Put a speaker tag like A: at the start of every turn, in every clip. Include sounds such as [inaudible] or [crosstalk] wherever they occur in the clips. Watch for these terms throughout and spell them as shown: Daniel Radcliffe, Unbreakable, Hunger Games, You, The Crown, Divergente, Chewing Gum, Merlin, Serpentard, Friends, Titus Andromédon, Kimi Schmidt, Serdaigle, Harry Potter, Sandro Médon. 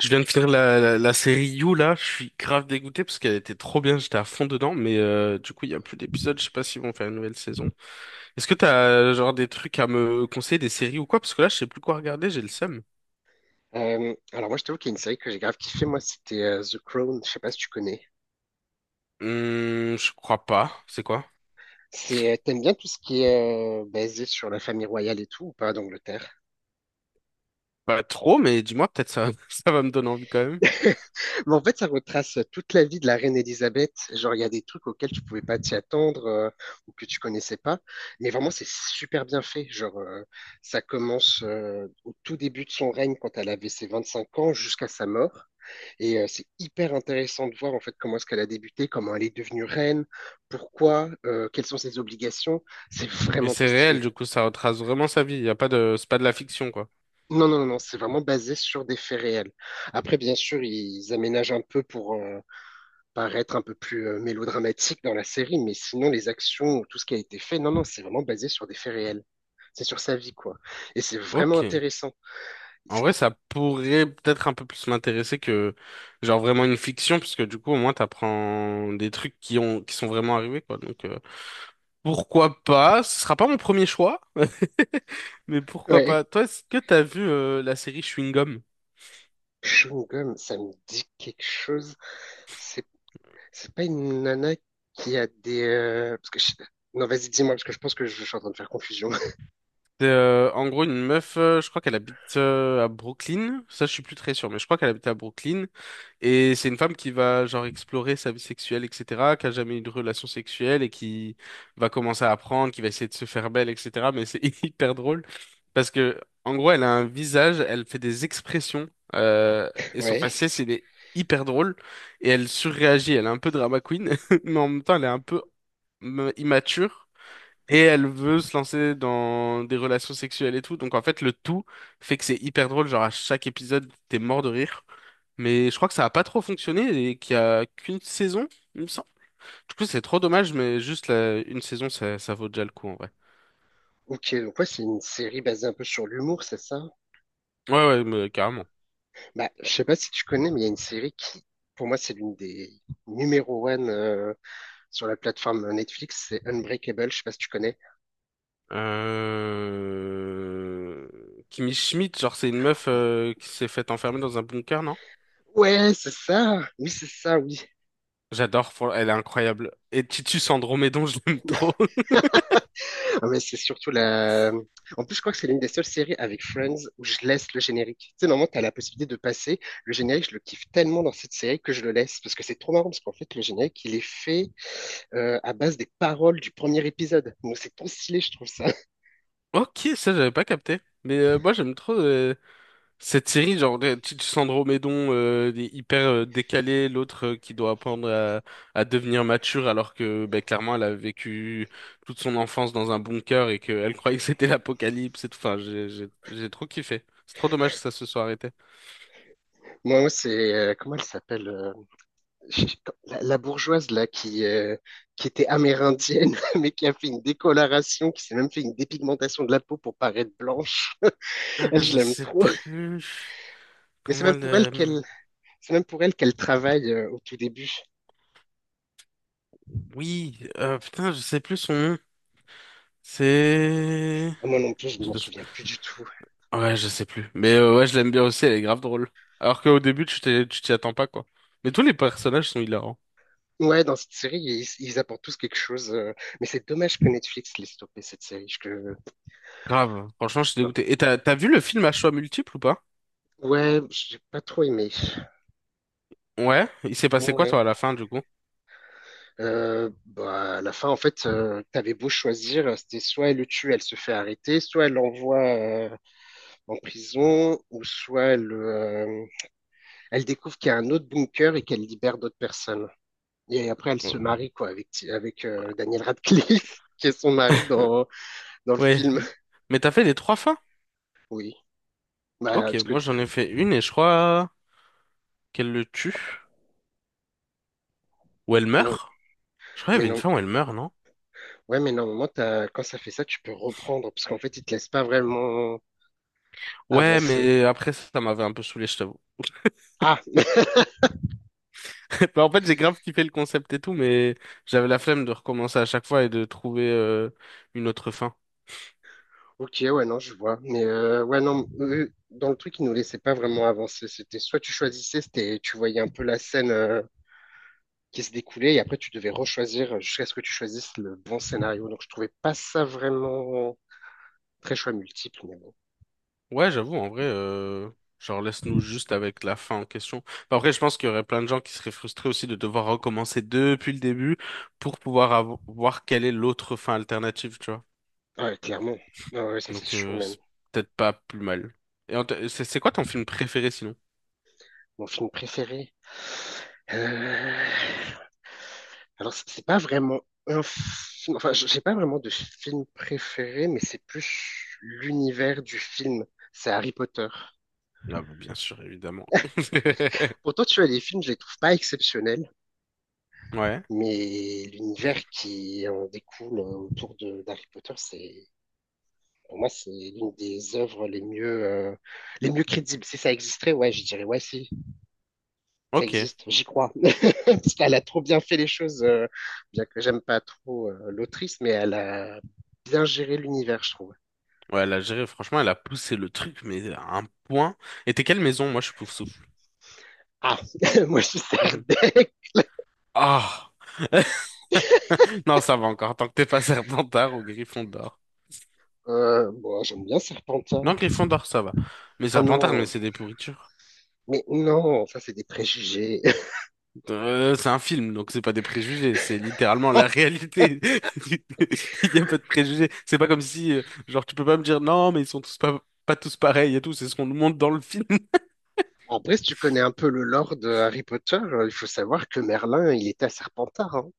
A: Je viens de finir la série You là, je suis grave dégoûté parce qu'elle était trop bien, j'étais à fond dedans, mais du coup il y a plus d'épisodes, je sais pas s'ils vont faire une nouvelle saison. Est-ce que t'as genre des trucs à me conseiller, des séries ou quoi? Parce que là je sais plus quoi regarder, j'ai le seum.
B: Alors moi, je trouve qu'il y a une série que j'ai grave kiffé, moi, c'était The Crown, je sais pas si tu connais.
A: Je crois pas, c'est quoi?
B: T'aimes bien tout ce qui est basé sur la famille royale et tout, ou pas, d'Angleterre?
A: Pas trop, mais dis-moi peut-être ça, [laughs] ça va me donner envie quand même.
B: Mais en fait, ça retrace toute la vie de la reine Elisabeth. Genre, il y a des trucs auxquels tu pouvais pas t'y attendre ou que tu connaissais pas. Mais vraiment, c'est super bien fait. Genre, ça commence au tout début de son règne quand elle avait ses 25 ans jusqu'à sa mort. Et c'est hyper intéressant de voir en fait comment est-ce qu'elle a débuté, comment elle est devenue reine, pourquoi, quelles sont ses obligations. C'est
A: Mais
B: vraiment
A: c'est
B: trop
A: réel,
B: stylé.
A: du coup ça retrace vraiment sa vie, y a pas de, c'est pas de la fiction quoi.
B: Non, non, non, non, c'est vraiment basé sur des faits réels. Après, bien sûr, ils aménagent un peu pour, paraître un peu plus mélodramatique dans la série, mais sinon les actions, ou tout ce qui a été fait, non, non, c'est vraiment basé sur des faits réels. C'est sur sa vie, quoi. Et c'est vraiment
A: Ok.
B: intéressant.
A: En
B: C'est-
A: vrai, ça pourrait peut-être un peu plus m'intéresser que genre vraiment une fiction, parce que du coup, au moins, t'apprends des trucs qui sont vraiment arrivés, quoi. Donc pourquoi pas? Ce sera pas mon premier choix, [laughs] mais pourquoi
B: Ouais,
A: pas? Toi, est-ce que t'as vu la série Chewing Gum?
B: Chewing Gum, ça me dit quelque chose. C'est c'est pas une nana qui a des. Non, vas-y, dis-moi, parce que je pense que je suis en train de faire confusion.
A: C'est en gros une meuf, je crois qu'elle habite à Brooklyn. Ça, je suis plus très sûr, mais je crois qu'elle habite à Brooklyn. Et c'est une femme qui va genre explorer sa vie sexuelle, etc., qui a jamais eu de relation sexuelle et qui va commencer à apprendre, qui va essayer de se faire belle, etc. Mais c'est [laughs] hyper drôle parce que en gros, elle a un visage, elle fait des expressions
B: [laughs]
A: et son
B: Ouais.
A: faciès il est hyper drôle et elle surréagit. Elle est un peu drama queen, [laughs] mais en même temps, elle est un peu immature et elle veut se lancer dans des relations sexuelles et tout. Donc en fait, le tout fait que c'est hyper drôle. Genre à chaque épisode, t'es mort de rire. Mais je crois que ça a pas trop fonctionné et qu'il y a qu'une saison, il me semble. Du coup, c'est trop dommage, mais juste une saison, ça vaut déjà le coup, en vrai.
B: Ok, donc ouais, c'est une série basée un peu sur l'humour, c'est ça?
A: Ouais, ouais, mais carrément.
B: Bah, je sais pas si tu connais, mais il y a une série qui, pour moi, c'est l'une des numéro one sur la plateforme Netflix, c'est Unbreakable, je sais pas si tu connais.
A: Euh... Kimi Schmidt, genre, c'est une meuf qui s'est faite enfermer dans un bunker, non?
B: Ouais, c'est ça. Oui, c'est ça, oui.
A: J'adore, elle est incroyable. Et Titus Andromédon, [laughs] je l'aime trop. [laughs]
B: Ah, mais c'est surtout la. En plus, je crois que c'est l'une des seules séries avec Friends où je laisse le générique. Tu sais, normalement, t'as la possibilité de passer. Le générique, je le kiffe tellement dans cette série que je le laisse parce que c'est trop marrant parce qu'en fait, le générique, il est fait à base des paroles du premier épisode. Donc, c'est trop stylé, je trouve ça. [laughs]
A: Ok, ça, j'avais pas capté. Mais moi, j'aime trop. Cette série, genre, Sandro Médon il est hyper décalé, l'autre qui doit apprendre à devenir mature alors que ben, clairement elle a vécu toute son enfance dans un bunker et qu'elle [laughs] croyait que c'était l'apocalypse et tout. Enfin, j'ai trop kiffé. C'est trop dommage que ça se soit arrêté.
B: Moi, c'est. Comment elle s'appelle? Je- La, bourgeoise là qui était amérindienne [laughs] mais qui a fait une décoloration, qui s'est même fait une dépigmentation de la peau pour paraître blanche. Elle,
A: Ah, je
B: je l'aime
A: sais
B: trop.
A: plus
B: Mais c'est
A: comment
B: même pour elle
A: le...
B: qu'elle, c'est même pour elle qu'elle travaille au tout début.
A: Oui, putain, je sais plus son nom. C'est...
B: Ah, moi non plus, je ne m'en souviens plus du tout.
A: Ouais, je sais plus. Mais ouais, je l'aime bien aussi, elle est grave drôle. Alors qu'au début, tu t'y attends pas, quoi. Mais tous les personnages sont hilarants.
B: Ouais, dans cette série, ils apportent tous quelque chose. Mais c'est dommage que Netflix l'ait stoppé cette série.
A: Grave. Franchement, je suis dégoûté. Et t'as vu le film à choix multiples ou pas?
B: Ouais, j'ai pas trop aimé.
A: Ouais. Il s'est passé quoi,
B: Ouais.
A: toi, à la fin, du coup?
B: Bah, à la fin, en fait, t'avais beau choisir, c'était soit elle le tue, elle se fait arrêter, soit elle l'envoie en prison, ou soit elle découvre qu'il y a un autre bunker et qu'elle libère d'autres personnes. Et après, elle se marie quoi avec Daniel Radcliffe, [laughs] qui est son mari
A: [laughs]
B: dans le
A: Ouais.
B: film.
A: Mais t'as fait les trois fins?
B: Oui. Bah,
A: Ok,
B: parce que
A: moi j'en ai fait une et je crois qu'elle le tue. Ou elle
B: Mais non,
A: meurt? Je crois qu'il
B: mais
A: y avait une
B: non,
A: fin où elle meurt, non?
B: ouais, mais normalement, quand ça fait ça, tu peux reprendre parce qu'en fait, ils te laissent pas vraiment
A: Ouais,
B: avancer.
A: mais après ça, ça m'avait un peu saoulé, je t'avoue.
B: Ah,
A: [laughs] Bah, en fait, j'ai grave kiffé le concept et tout, mais j'avais la flemme de recommencer à chaque fois et de trouver une autre fin.
B: ok, ouais, non, je vois. Mais ouais, non, eux, dans le truc, ils nous laissaient pas vraiment avancer. C'était soit tu choisissais, c'était tu voyais un peu la scène qui se découlait, et après tu devais rechoisir jusqu'à ce que tu choisisses le bon scénario. Donc je trouvais pas ça vraiment très choix multiple, mais bon.
A: Ouais, j'avoue, en vrai, genre laisse-nous juste avec la fin en question. Enfin, après, je pense qu'il y aurait plein de gens qui seraient frustrés aussi de devoir recommencer depuis le début pour pouvoir voir quelle est l'autre fin alternative, tu vois.
B: Ah ouais, clairement. Ah ouais, ça c'est
A: Donc,
B: sûr même.
A: c'est peut-être pas plus mal. Et en c'est quoi ton film préféré sinon?
B: Mon film préféré. Euh, Alors, c'est pas vraiment un film. Enfin, j'ai pas vraiment de film préféré, mais c'est plus l'univers du film. C'est Harry Potter.
A: Ah, bah, bien sûr, évidemment. [laughs]
B: Pourtant, tu vois, les films, je les trouve pas exceptionnels,
A: Ouais,
B: mais l'univers qui en découle autour de d'Harry Potter, c'est pour moi, c'est l'une des œuvres les mieux crédibles. Si ça existerait, ouais, je dirais, ouais, si, ça
A: ok.
B: existe, j'y crois. [laughs] Parce qu'elle a trop bien fait les choses, bien que j'aime pas trop l'autrice, mais elle a bien géré l'univers, je trouve.
A: Ouais, la gérée, franchement, elle a poussé le truc, mais à un point. Et t'es quelle maison? Moi, je suis souffle.
B: Ah, [laughs] moi, je suis
A: Mhm.
B: Serdec.
A: Ah! [laughs] Non, ça va encore, tant que t'es pas Serpentard ou Gryffondor.
B: Bon, j'aime bien
A: Non,
B: Serpentard.
A: Gryffondor, ça va. Mais
B: Oh
A: Serpentard, mais
B: non,
A: c'est des pourritures.
B: mais non, ça, c'est des préjugés.
A: C'est un film, donc c'est pas des préjugés, c'est littéralement la
B: [laughs]
A: réalité. [laughs] Il y a pas de préjugés. C'est pas comme si, genre, tu peux pas me dire non, mais ils sont tous pas, pas tous pareils et tout, c'est ce qu'on nous montre dans le film. [laughs]
B: En vrai, si tu connais un peu le lore de Harry Potter, il faut savoir que Merlin, il était à Serpentard, hein.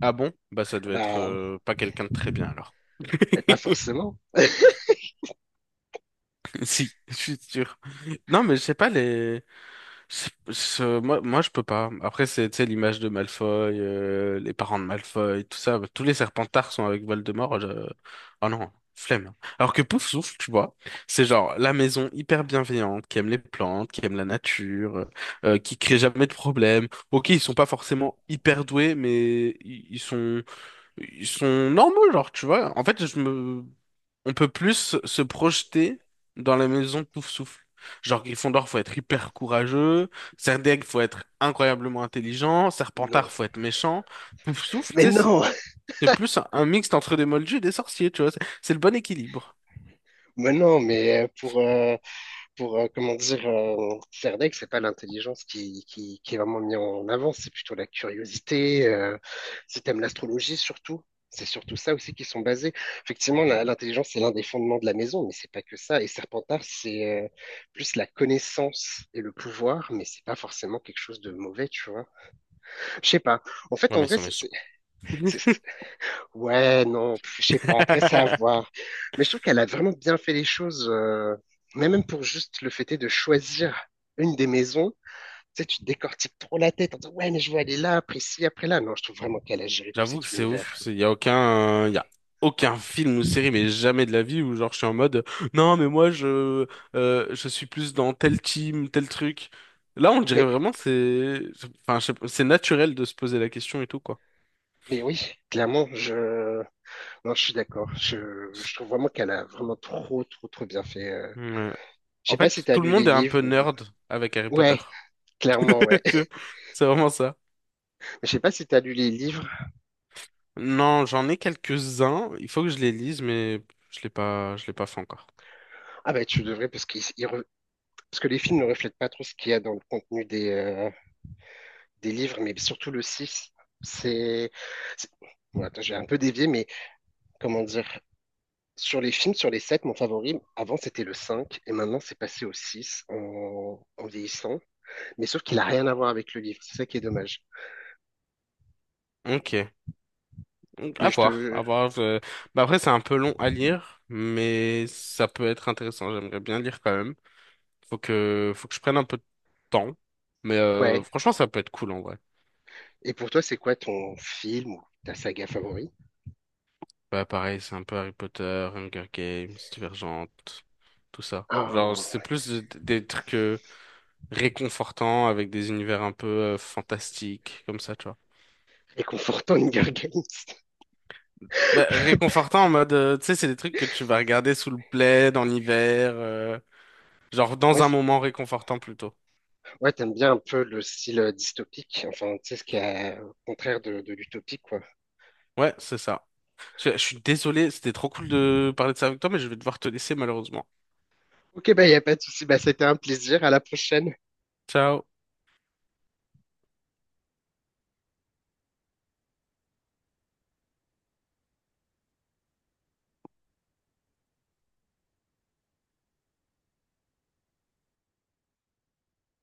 A: Ah bon? Bah ça
B: Ah
A: devait être
B: bah,
A: pas quelqu'un de très bien alors.
B: mais pas
A: [laughs]
B: forcément.
A: Si, je suis sûr. Non, mais je sais pas les. Moi, je peux pas. Après, c'est, tu sais, l'image de Malfoy, les parents de Malfoy, tout ça. Tous les Serpentards sont avec Voldemort. Oh non, flemme. Alors que Poufsouffle, tu vois, c'est genre la maison hyper bienveillante, qui aime les plantes, qui aime la nature, qui crée jamais de problème. Ok, ils sont pas forcément hyper doués, mais ils sont normaux, genre, tu vois. En fait, je me... on peut plus se projeter dans la maison Pouf Souffle. Genre, Gryffondor, faut être hyper courageux. Serdaigle, faut être incroyablement intelligent.
B: Non.
A: Serpentard, faut être méchant. Pouf Souffle, tu
B: Mais
A: sais,
B: non,
A: c'est plus un mixte entre des moldus et des sorciers, tu vois. C'est le bon équilibre.
B: [laughs] mais non, mais pour, comment dire, Serdaigle, c'est pas l'intelligence qui est vraiment mise en avant, c'est plutôt la curiosité, si t'aimes l'astrologie surtout. C'est surtout ça aussi qui sont basés. Effectivement, l'intelligence, c'est l'un des fondements de la maison, mais c'est pas que ça. Et Serpentard, c'est plus la connaissance et le pouvoir, mais c'est pas forcément quelque chose de mauvais, tu vois. Je sais pas. En fait,
A: Ouais,
B: en
A: mais ils
B: vrai,
A: sont méchants.
B: c'est- c'est- ouais, non, je sais pas. Après, c'est à
A: [laughs]
B: voir. Mais je trouve qu'elle a vraiment bien fait les choses, mais même pour juste le fait est de choisir une des maisons. Tu sais, tu te décortiques trop la tête en disant, ouais, mais je veux aller là, après ci, après là. Non, je trouve vraiment qu'elle a géré tout
A: J'avoue que
B: cet
A: c'est ouf.
B: univers.
A: Il y a aucun, il y a aucun film ou série, mais jamais de la vie où genre je suis en mode non mais moi je suis plus dans tel team, tel truc. Là on dirait
B: Mais,
A: vraiment c'est, enfin je sais pas, c'est naturel de se poser la question et tout quoi.
B: mais, oui, clairement, non, je suis d'accord. Je trouve vraiment qu'elle a vraiment trop, trop, trop bien fait.
A: Ouais.
B: Je
A: En
B: sais pas si
A: fait
B: tu as
A: tout le
B: lu les
A: monde est un
B: livres
A: peu
B: ou.
A: nerd avec Harry Potter.
B: Ouais, clairement, ouais.
A: [laughs] Tu vois, c'est vraiment ça.
B: [laughs] Je sais pas si tu as lu les livres.
A: Non j'en ai quelques-uns. Il faut que je les lise mais je l'ai pas fait encore.
B: Ah bah, tu devrais parce qu'ils parce que les films ne reflètent pas trop ce qu'il y a dans le contenu des livres, mais surtout le six. C'est. c'est- Bon, attends, j'ai un peu dévié, mais comment dire? Sur les films, sur les 7, mon favori, avant c'était le 5, et maintenant c'est passé au 6 en vieillissant. Mais sauf qu'il n'a rien à voir avec le livre, c'est ça qui est dommage.
A: Ok. Donc, à
B: Mais je
A: voir, à
B: te.
A: voir. Bah après, c'est un peu long à lire, mais ça peut être intéressant. J'aimerais bien lire quand même. Faut que je prenne un peu de temps. Mais
B: Ouais.
A: franchement, ça peut être cool en vrai.
B: Et pour toi, c'est quoi ton film ou ta saga favorite?
A: Bah pareil, c'est un peu Harry Potter, Hunger Games, Divergente, tout ça. Genre,
B: Ah,
A: c'est plus des trucs réconfortants avec des univers un peu fantastiques, comme ça, tu vois.
B: réconfortant Hunger Games. [laughs]
A: Bah, réconfortant en mode, tu sais, c'est des trucs que tu vas regarder sous le plaid en hiver, genre dans un
B: Ouais,
A: moment réconfortant plutôt.
B: ouais, t'aimes bien un peu le style dystopique, enfin, tu sais, ce qui est au contraire de l'utopique, quoi.
A: Ouais, c'est ça. Je suis désolé, c'était trop cool de parler de ça avec toi, mais je vais devoir te laisser malheureusement.
B: Ok, bah, y a pas de souci, bah, c'était un plaisir, à la prochaine.
A: Ciao.